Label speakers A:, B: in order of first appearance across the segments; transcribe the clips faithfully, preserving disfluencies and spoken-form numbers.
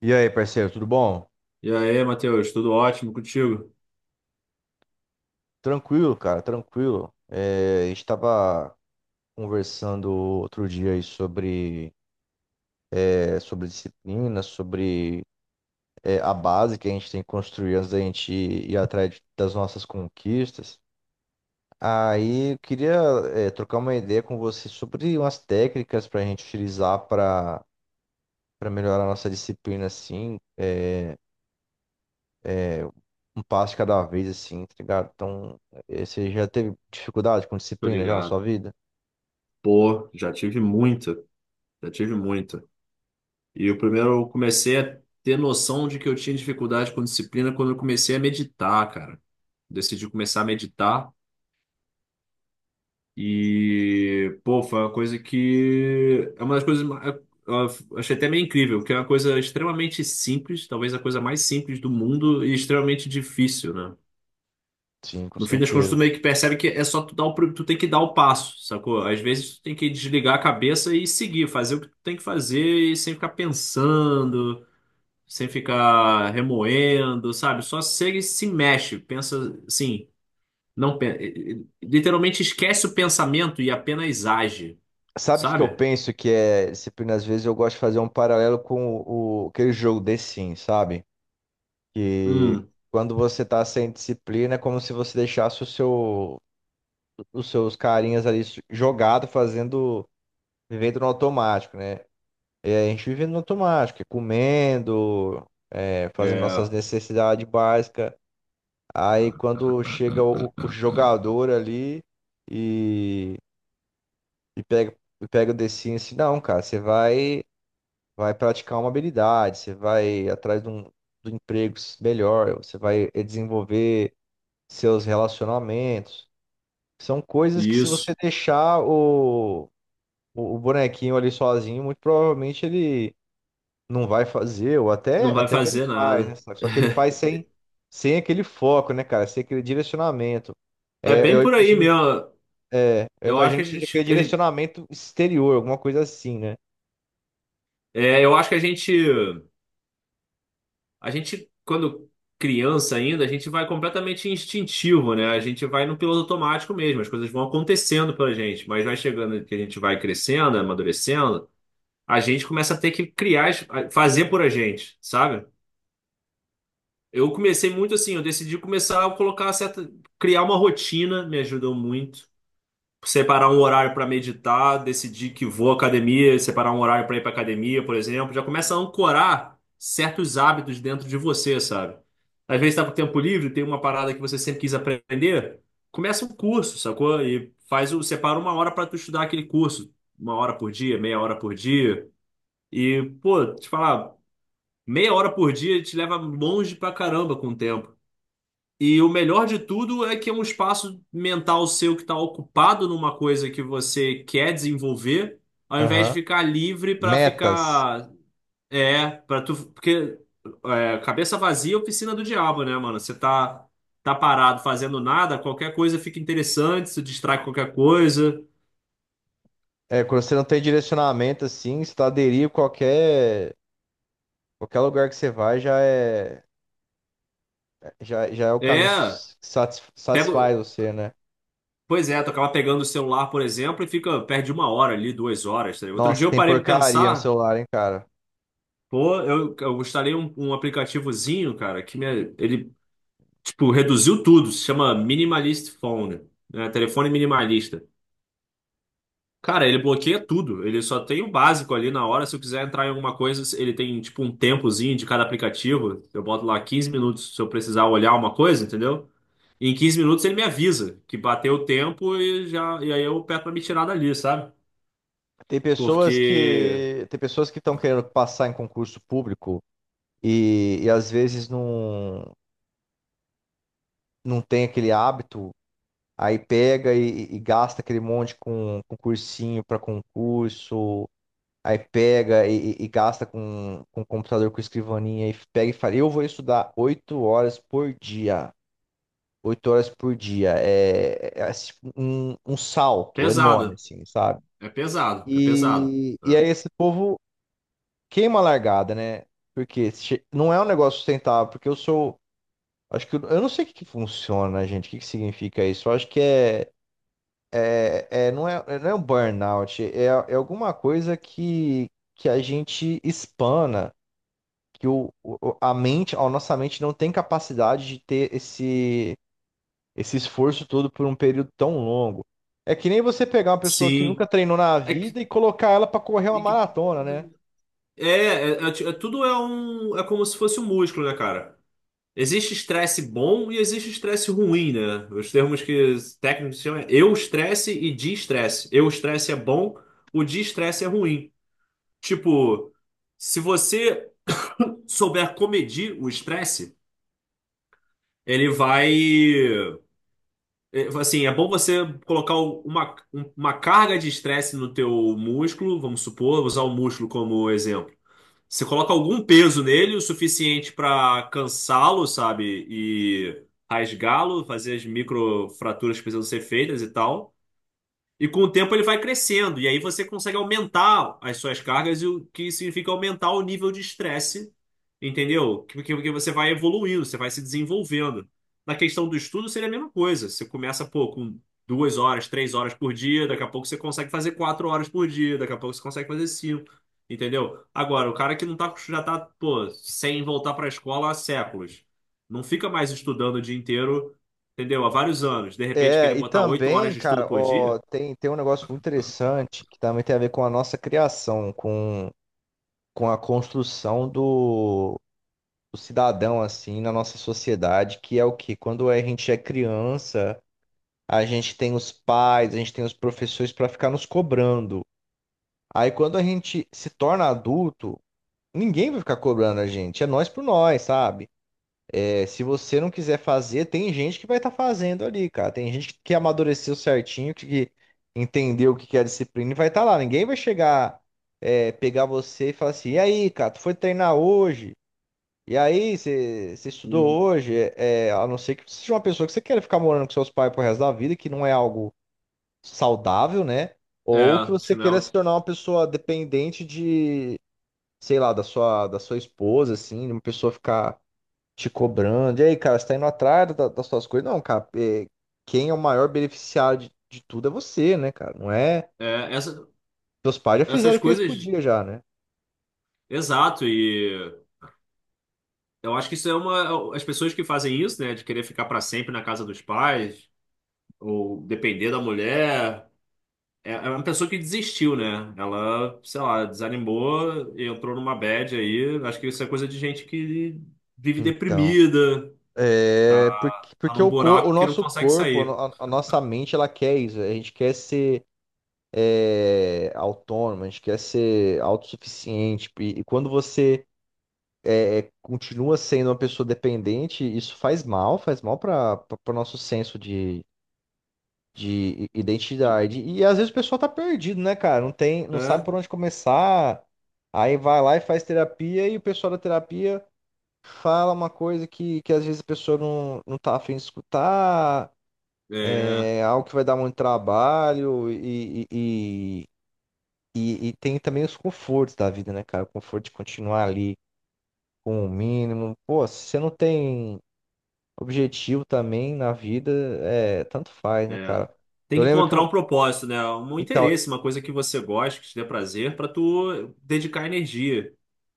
A: E aí, parceiro, tudo bom?
B: E aí, Matheus, tudo ótimo contigo?
A: Tranquilo, cara, tranquilo. É, a gente estava conversando outro dia aí sobre, é, sobre disciplina, sobre é, a base que a gente tem que construir antes da gente ir atrás de- das nossas conquistas. Aí eu queria é, trocar uma ideia com você sobre umas técnicas para a gente utilizar para para melhorar a nossa disciplina, assim, é, um passo de cada vez, assim, tá ligado? Então, é, você já teve dificuldade com
B: Tô
A: disciplina já na sua
B: ligado.
A: vida?
B: Pô, já tive muita, já tive muita. E o primeiro eu comecei a ter noção de que eu tinha dificuldade com disciplina quando eu comecei a meditar, cara. Decidi começar a meditar e, pô, foi uma coisa que é uma das coisas ma- é, eu achei até meio incrível, que é uma coisa extremamente simples, talvez a coisa mais simples do mundo e extremamente difícil, né?
A: Sim, com
B: No fim das contas, tu
A: certeza.
B: meio que percebe que é só tu dar o, pr- tu tem que dar o passo, sacou? Às vezes tu tem que desligar a cabeça e seguir, fazer o que tu tem que fazer e sem ficar pensando, sem ficar remoendo, sabe? Só segue e se mexe, pensa assim, não, pe- eh, eh, literalmente esquece o pensamento e apenas age,
A: Sabe o que que eu
B: sabe?
A: penso que é disciplina? Às vezes eu gosto de fazer um paralelo com o, o- aquele jogo The Sims, sabe? Que
B: Hum,
A: quando você tá sem disciplina é como se você deixasse o seu, os seus carinhas ali jogado, fazendo, vivendo no automático, né? É, a gente vivendo no automático, é comendo, é, fazendo nossas
B: é.
A: necessidades básicas. Aí quando chega o, o jogador ali e, e pega, pega o The Sims, assim, não, cara, você vai. vai praticar uma habilidade, você vai atrás de um, do emprego melhor, você vai desenvolver seus relacionamentos. São coisas que se você
B: Isso.
A: deixar o, o, o bonequinho ali sozinho, muito provavelmente ele não vai fazer, ou até,
B: Não vai
A: até que ele
B: fazer
A: faz, né?
B: nada.
A: Só só que ele faz sem, sem aquele foco, né, cara? Sem aquele direcionamento.
B: É
A: É,
B: bem
A: eu
B: por aí
A: imagino,
B: mesmo.
A: é, eu
B: Eu acho
A: imagino
B: que a
A: que seja
B: gente,
A: aquele
B: a gente-
A: direcionamento exterior, alguma coisa assim, né?
B: é, eu acho que a gente A gente, quando criança ainda, a gente vai completamente instintivo, né? A gente vai no piloto automático mesmo, as coisas vão acontecendo pra gente, mas vai chegando que a gente vai crescendo, amadurecendo, a gente começa a ter que criar, as- a- fazer por a gente, sabe? Eu comecei muito assim, eu decidi começar a colocar certa, criar uma rotina, me ajudou muito. Separar um horário para meditar, decidir que vou à academia, separar um horário para ir para academia, por exemplo, já começa a ancorar certos hábitos dentro de você, sabe? Às vezes está com tempo livre, tem uma parada que você sempre quis aprender, começa um curso, sacou? E faz o, separa uma hora para tu estudar aquele curso, uma hora por dia, meia hora por dia. E, pô, te falar, meia hora por dia te leva longe pra caramba com o tempo. E o melhor de tudo é que é um espaço mental seu que está ocupado numa coisa que você quer desenvolver, ao invés de
A: Aham.
B: ficar livre para
A: Metas.
B: ficar. É, para tu. Porque é, cabeça vazia é oficina do diabo, né, mano? Você tá, tá parado fazendo nada, qualquer coisa fica interessante, se distrai com qualquer coisa.
A: É, quando você não tem direcionamento assim, se tu qualquer, qualquer lugar que você vai já é, já, já é o caminho que
B: É,
A: satis- satisfaz
B: pego.
A: você, né?
B: Pois é, tu acaba pegando o celular, por exemplo, e fica, perde uma hora ali, duas horas. Tá ligado? Outro
A: Nossa,
B: dia eu
A: tem
B: parei para
A: porcaria no
B: pensar.
A: celular, hein, cara?
B: Pô, eu, eu gostaria um, um aplicativozinho, cara, que me, ele, tipo, reduziu tudo. Se chama Minimalist Phone, né? Telefone minimalista. Cara, ele bloqueia tudo. Ele só tem o básico ali na hora. Se eu quiser entrar em alguma coisa, ele tem, tipo, um tempozinho de cada aplicativo. Eu boto lá quinze minutos se eu precisar olhar uma coisa, entendeu? E em quinze minutos ele me avisa que bateu o tempo e já, e aí eu peço pra me tirar dali, sabe?
A: Tem pessoas
B: Porque
A: que tem pessoas que estão querendo passar em concurso público e, e às vezes não, não tem aquele hábito, aí pega e, e gasta aquele monte com, com cursinho para concurso. Aí pega e, e- e gasta com, com o computador, com escrivaninha, e pega e fala: Eu vou estudar oito horas por dia. Oito horas por dia. É, é assim, um, um salto enorme,
B: pesado.
A: assim, sabe?
B: É pesado, é pesado.
A: E, e
B: Né?
A: aí esse povo queima a largada, né? Porque che- não é um negócio sustentável, porque eu sou. Acho que eu, eu não sei o que que funciona, gente. O que que significa isso? Eu acho que é, é, é- não é, não é um burnout, é, é alguma coisa que, que a gente espana. Que o, o- a mente, a nossa mente não tem capacidade de ter esse, esse esforço todo por um período tão longo. É que nem você pegar uma pessoa que nunca
B: Sim.
A: treinou na
B: É que
A: vida e colocar ela para correr uma
B: E que-
A: maratona, né?
B: É, é, é ti- é tudo é um, é como se fosse um músculo, né, cara? Existe estresse bom e existe estresse ruim, né? Os termos que os técnicos chamam é eu estresse e de estresse. Eu estresse é bom, o de estresse é ruim. Tipo, se você souber comedir o estresse, ele vai, é, assim, é bom você colocar uma, uma carga de estresse no teu músculo, vamos supor, usar o músculo como exemplo. Você coloca algum peso nele, o suficiente para cansá-lo, sabe? E rasgá-lo, fazer as microfraturas que precisam ser feitas e tal. E com o tempo ele vai crescendo, e aí você consegue aumentar as suas cargas, e o que significa aumentar o nível de estresse, entendeu? Que- que- Porque você vai evoluindo, você vai se desenvolvendo. Na questão do estudo, seria a mesma coisa. Você começa, pô, com duas horas, três horas por dia, daqui a pouco você consegue fazer quatro horas por dia, daqui a pouco você consegue fazer cinco, entendeu? Agora, o cara que não tá, já tá, pô, sem voltar para a escola há séculos, não fica mais estudando o dia inteiro, entendeu? Há vários anos, de repente querer
A: É, e
B: botar oito horas
A: também,
B: de
A: cara,
B: estudo por
A: ó,
B: dia.
A: tem, tem um negócio muito interessante que também tem a ver com a nossa criação, com, com a construção do, do cidadão, assim, na nossa sociedade, que é o que Quando a gente é criança, a gente tem os pais, a gente tem os professores para ficar nos cobrando. Aí quando a gente se torna adulto, ninguém vai ficar cobrando a gente. É nós por nós, sabe? É, se você não quiser fazer, tem gente que vai estar fazendo ali, cara. Tem gente que amadureceu certinho, que que entendeu o que que é disciplina e vai estar lá. Ninguém vai chegar, é, pegar você e falar assim: E aí, cara, tu foi treinar hoje? E aí, você você estudou
B: Hum.
A: hoje? É, é, a não ser que você seja uma pessoa que você queira ficar morando com seus pais pro resto da vida, que não é algo saudável, né? Ou que
B: É,
A: você queira
B: chinelo.
A: se tornar uma pessoa dependente de sei lá, da sua, da sua esposa, assim, de uma pessoa ficar te cobrando. E aí, cara, você tá indo atrás da- das suas coisas? Não, cara, é, quem é o maior beneficiário de, de tudo é você, né, cara? Não é.
B: É, essa,
A: Seus pais já
B: essas
A: fizeram o que eles
B: coisas,
A: podiam já, né?
B: exato, e eu acho que isso é uma. As pessoas que fazem isso, né, de querer ficar para sempre na casa dos pais, ou depender da mulher, é, é uma pessoa que desistiu, né? Ela, sei lá, desanimou, e entrou numa bad aí. Acho que isso é coisa de gente que vive
A: Então,
B: deprimida,
A: é
B: tá,
A: porque,
B: tá
A: porque
B: num
A: o, cor, o
B: buraco que não
A: nosso
B: consegue
A: corpo, a,
B: sair.
A: no- a nossa mente, ela quer isso. A gente quer ser é, autônomo, a gente quer ser autossuficiente. E, e quando você continua sendo uma pessoa dependente, isso faz mal, faz mal para o nosso senso de, de identidade. E às vezes o pessoal tá perdido, né, cara? Não tem, não sabe
B: É,
A: por onde começar. Aí vai lá e faz terapia e o pessoal da terapia fala uma coisa que, que às vezes a pessoa não, não tá afim de escutar,
B: é.
A: é algo que vai dar muito trabalho e, e, e, e- e tem também os confortos da vida, né, cara? O conforto de continuar ali com o mínimo. Pô, se você não tem objetivo também na vida, é, tanto faz, né,
B: É.
A: cara?
B: Tem
A: Eu
B: que
A: lembro que
B: encontrar um
A: eu,
B: propósito, né? Um
A: então,
B: interesse, uma coisa que você gosta, que te dê prazer, pra tu dedicar energia.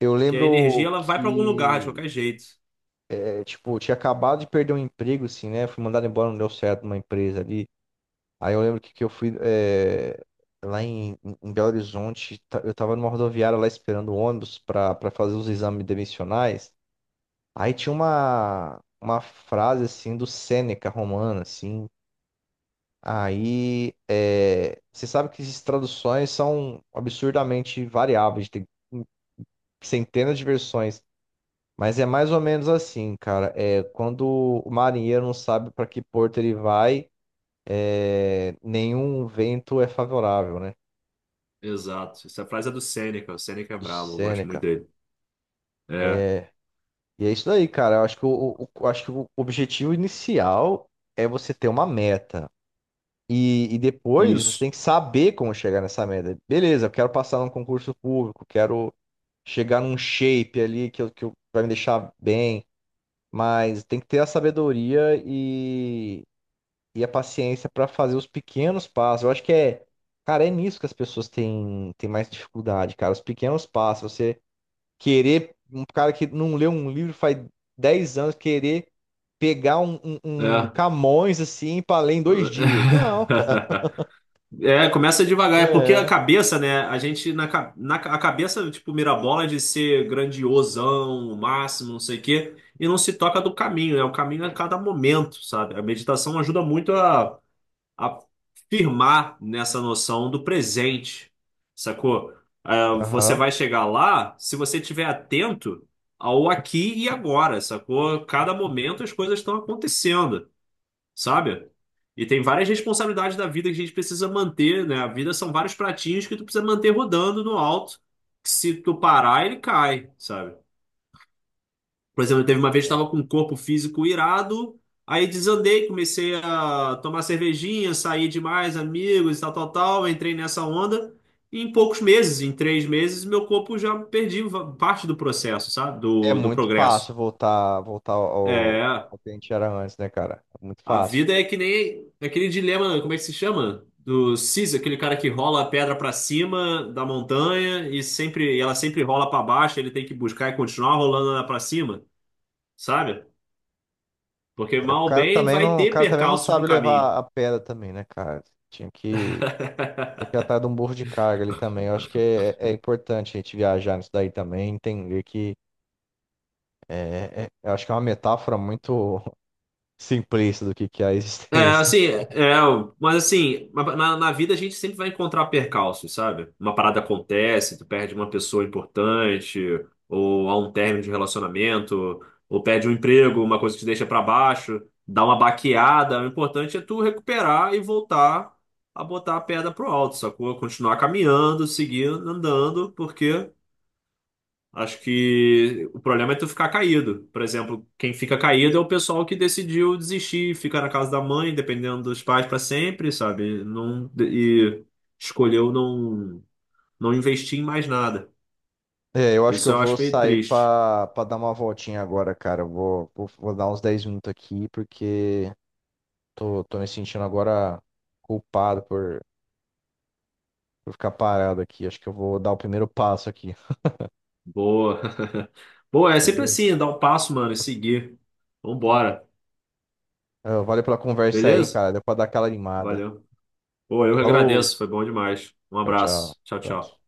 A: eu
B: Que a energia
A: lembro
B: ela vai pra algum lugar, de
A: que
B: qualquer jeito.
A: é, tipo, eu tinha acabado de perder um emprego assim, né? Fui mandado embora, não deu certo numa empresa ali. Aí eu lembro que, que eu fui é, lá em, em Belo Horizonte, ta- eu tava numa rodoviária lá esperando o ônibus pra para fazer os exames demissionais. Aí tinha uma uma frase assim do Sêneca romano assim. Aí, é, você sabe que essas traduções são absurdamente variáveis, tem centenas de versões, mas é mais ou menos assim, cara. É, quando o marinheiro não sabe para que porto ele vai, é, nenhum vento é favorável, né?
B: Exato. Essa frase é do Seneca. O Seneca é
A: Do
B: brabo, eu gosto muito
A: Sêneca.
B: dele. É,
A: E é isso daí, cara. Eu acho que o, o- o- Acho que o objetivo inicial é você ter uma meta. E, e depois você
B: isso.
A: tem que saber como chegar nessa meta. Beleza, eu quero passar num concurso público, quero chegar num shape ali que, eu, que eu- vai me deixar bem, mas tem que ter a sabedoria e, e a paciência para fazer os pequenos passos. Eu acho que é, cara, é nisso que as pessoas têm, têm mais dificuldade, cara, os pequenos passos. Você querer, um cara que não leu um livro faz dez anos, querer pegar um, um- um
B: É.
A: Camões assim para ler em dois dias. Não, cara.
B: É, começa devagar, é porque a
A: É.
B: cabeça, né? A gente na, ca- na ca- a cabeça, tipo, mira a bola de ser grandiosão, o máximo, não sei o quê, e não se toca do caminho, né? O caminho é cada momento, sabe? A meditação ajuda muito a firmar nessa noção do presente, sacou? Ah, você
A: Aham.
B: vai chegar lá se você estiver atento ao aqui e agora, sacou? Cada momento as coisas estão acontecendo, sabe? E tem várias responsabilidades da vida que a gente precisa manter, né? A vida são vários pratinhos que tu precisa manter rodando no alto, que se tu parar, ele cai, sabe? Por exemplo, teve uma vez que estava com um corpo físico irado, aí desandei, comecei a tomar cervejinha, sair demais, amigos, tal, tal, tal, entrei nessa onda. E em poucos meses, em três meses, meu corpo já perdi va- parte do processo, sabe?
A: É
B: Do, do
A: muito fácil
B: progresso.
A: voltar, voltar ao,
B: É,
A: ao que a gente era antes, né, cara? É muito
B: a
A: fácil.
B: vida é que nem aquele dilema, como é que se chama? Do Sisyphus, aquele cara que rola a pedra para cima da montanha e sempre, ela sempre rola para baixo, ele tem que buscar e continuar rolando ela para cima, sabe? Porque
A: O
B: mal ou
A: cara
B: bem
A: também
B: vai
A: não, o
B: ter
A: cara também não
B: percalços no
A: sabe
B: caminho.
A: levar a pedra também, né, cara? Tinha que, tinha que ir atrás de um burro de carga ali também. Eu acho que é, é importante a gente viajar nisso daí também, entender que é, é- eu acho que é uma metáfora muito simplista do que que é a
B: É,
A: existência.
B: assim, é, é, mas assim, na, na na vida a gente sempre vai encontrar percalços, sabe? Uma parada acontece, tu perde uma pessoa importante, ou há um término de relacionamento, ou perde um emprego, uma coisa que te deixa pra baixo, dá uma baqueada. O importante é tu recuperar e voltar a botar a pedra pro alto, sacou? Continuar caminhando, seguindo, andando, porque acho que o problema é tu ficar caído. Por exemplo, quem fica caído é o pessoal que decidiu desistir, ficar na casa da mãe, dependendo dos pais para sempre, sabe? Não, e escolheu não, não investir em mais nada.
A: É, eu acho que
B: Isso
A: eu
B: eu
A: vou
B: acho meio
A: sair
B: triste.
A: pra, pra dar uma voltinha agora, cara. Eu vou, vou, vou dar uns dez minutos aqui, porque tô, tô me sentindo agora culpado por. Vou ficar parado aqui. Acho que eu vou dar o primeiro passo aqui.
B: Boa. Boa, é sempre
A: Beleza?
B: assim, dar um passo, mano, e seguir. Vambora.
A: Ah, valeu pela conversa aí, hein,
B: Beleza?
A: cara. Deu pra dar aquela animada.
B: Valeu. Pô, eu que
A: Falou.
B: agradeço, foi bom demais. Um
A: Tchau, tchau.
B: abraço. Tchau,
A: Abraço.
B: tchau.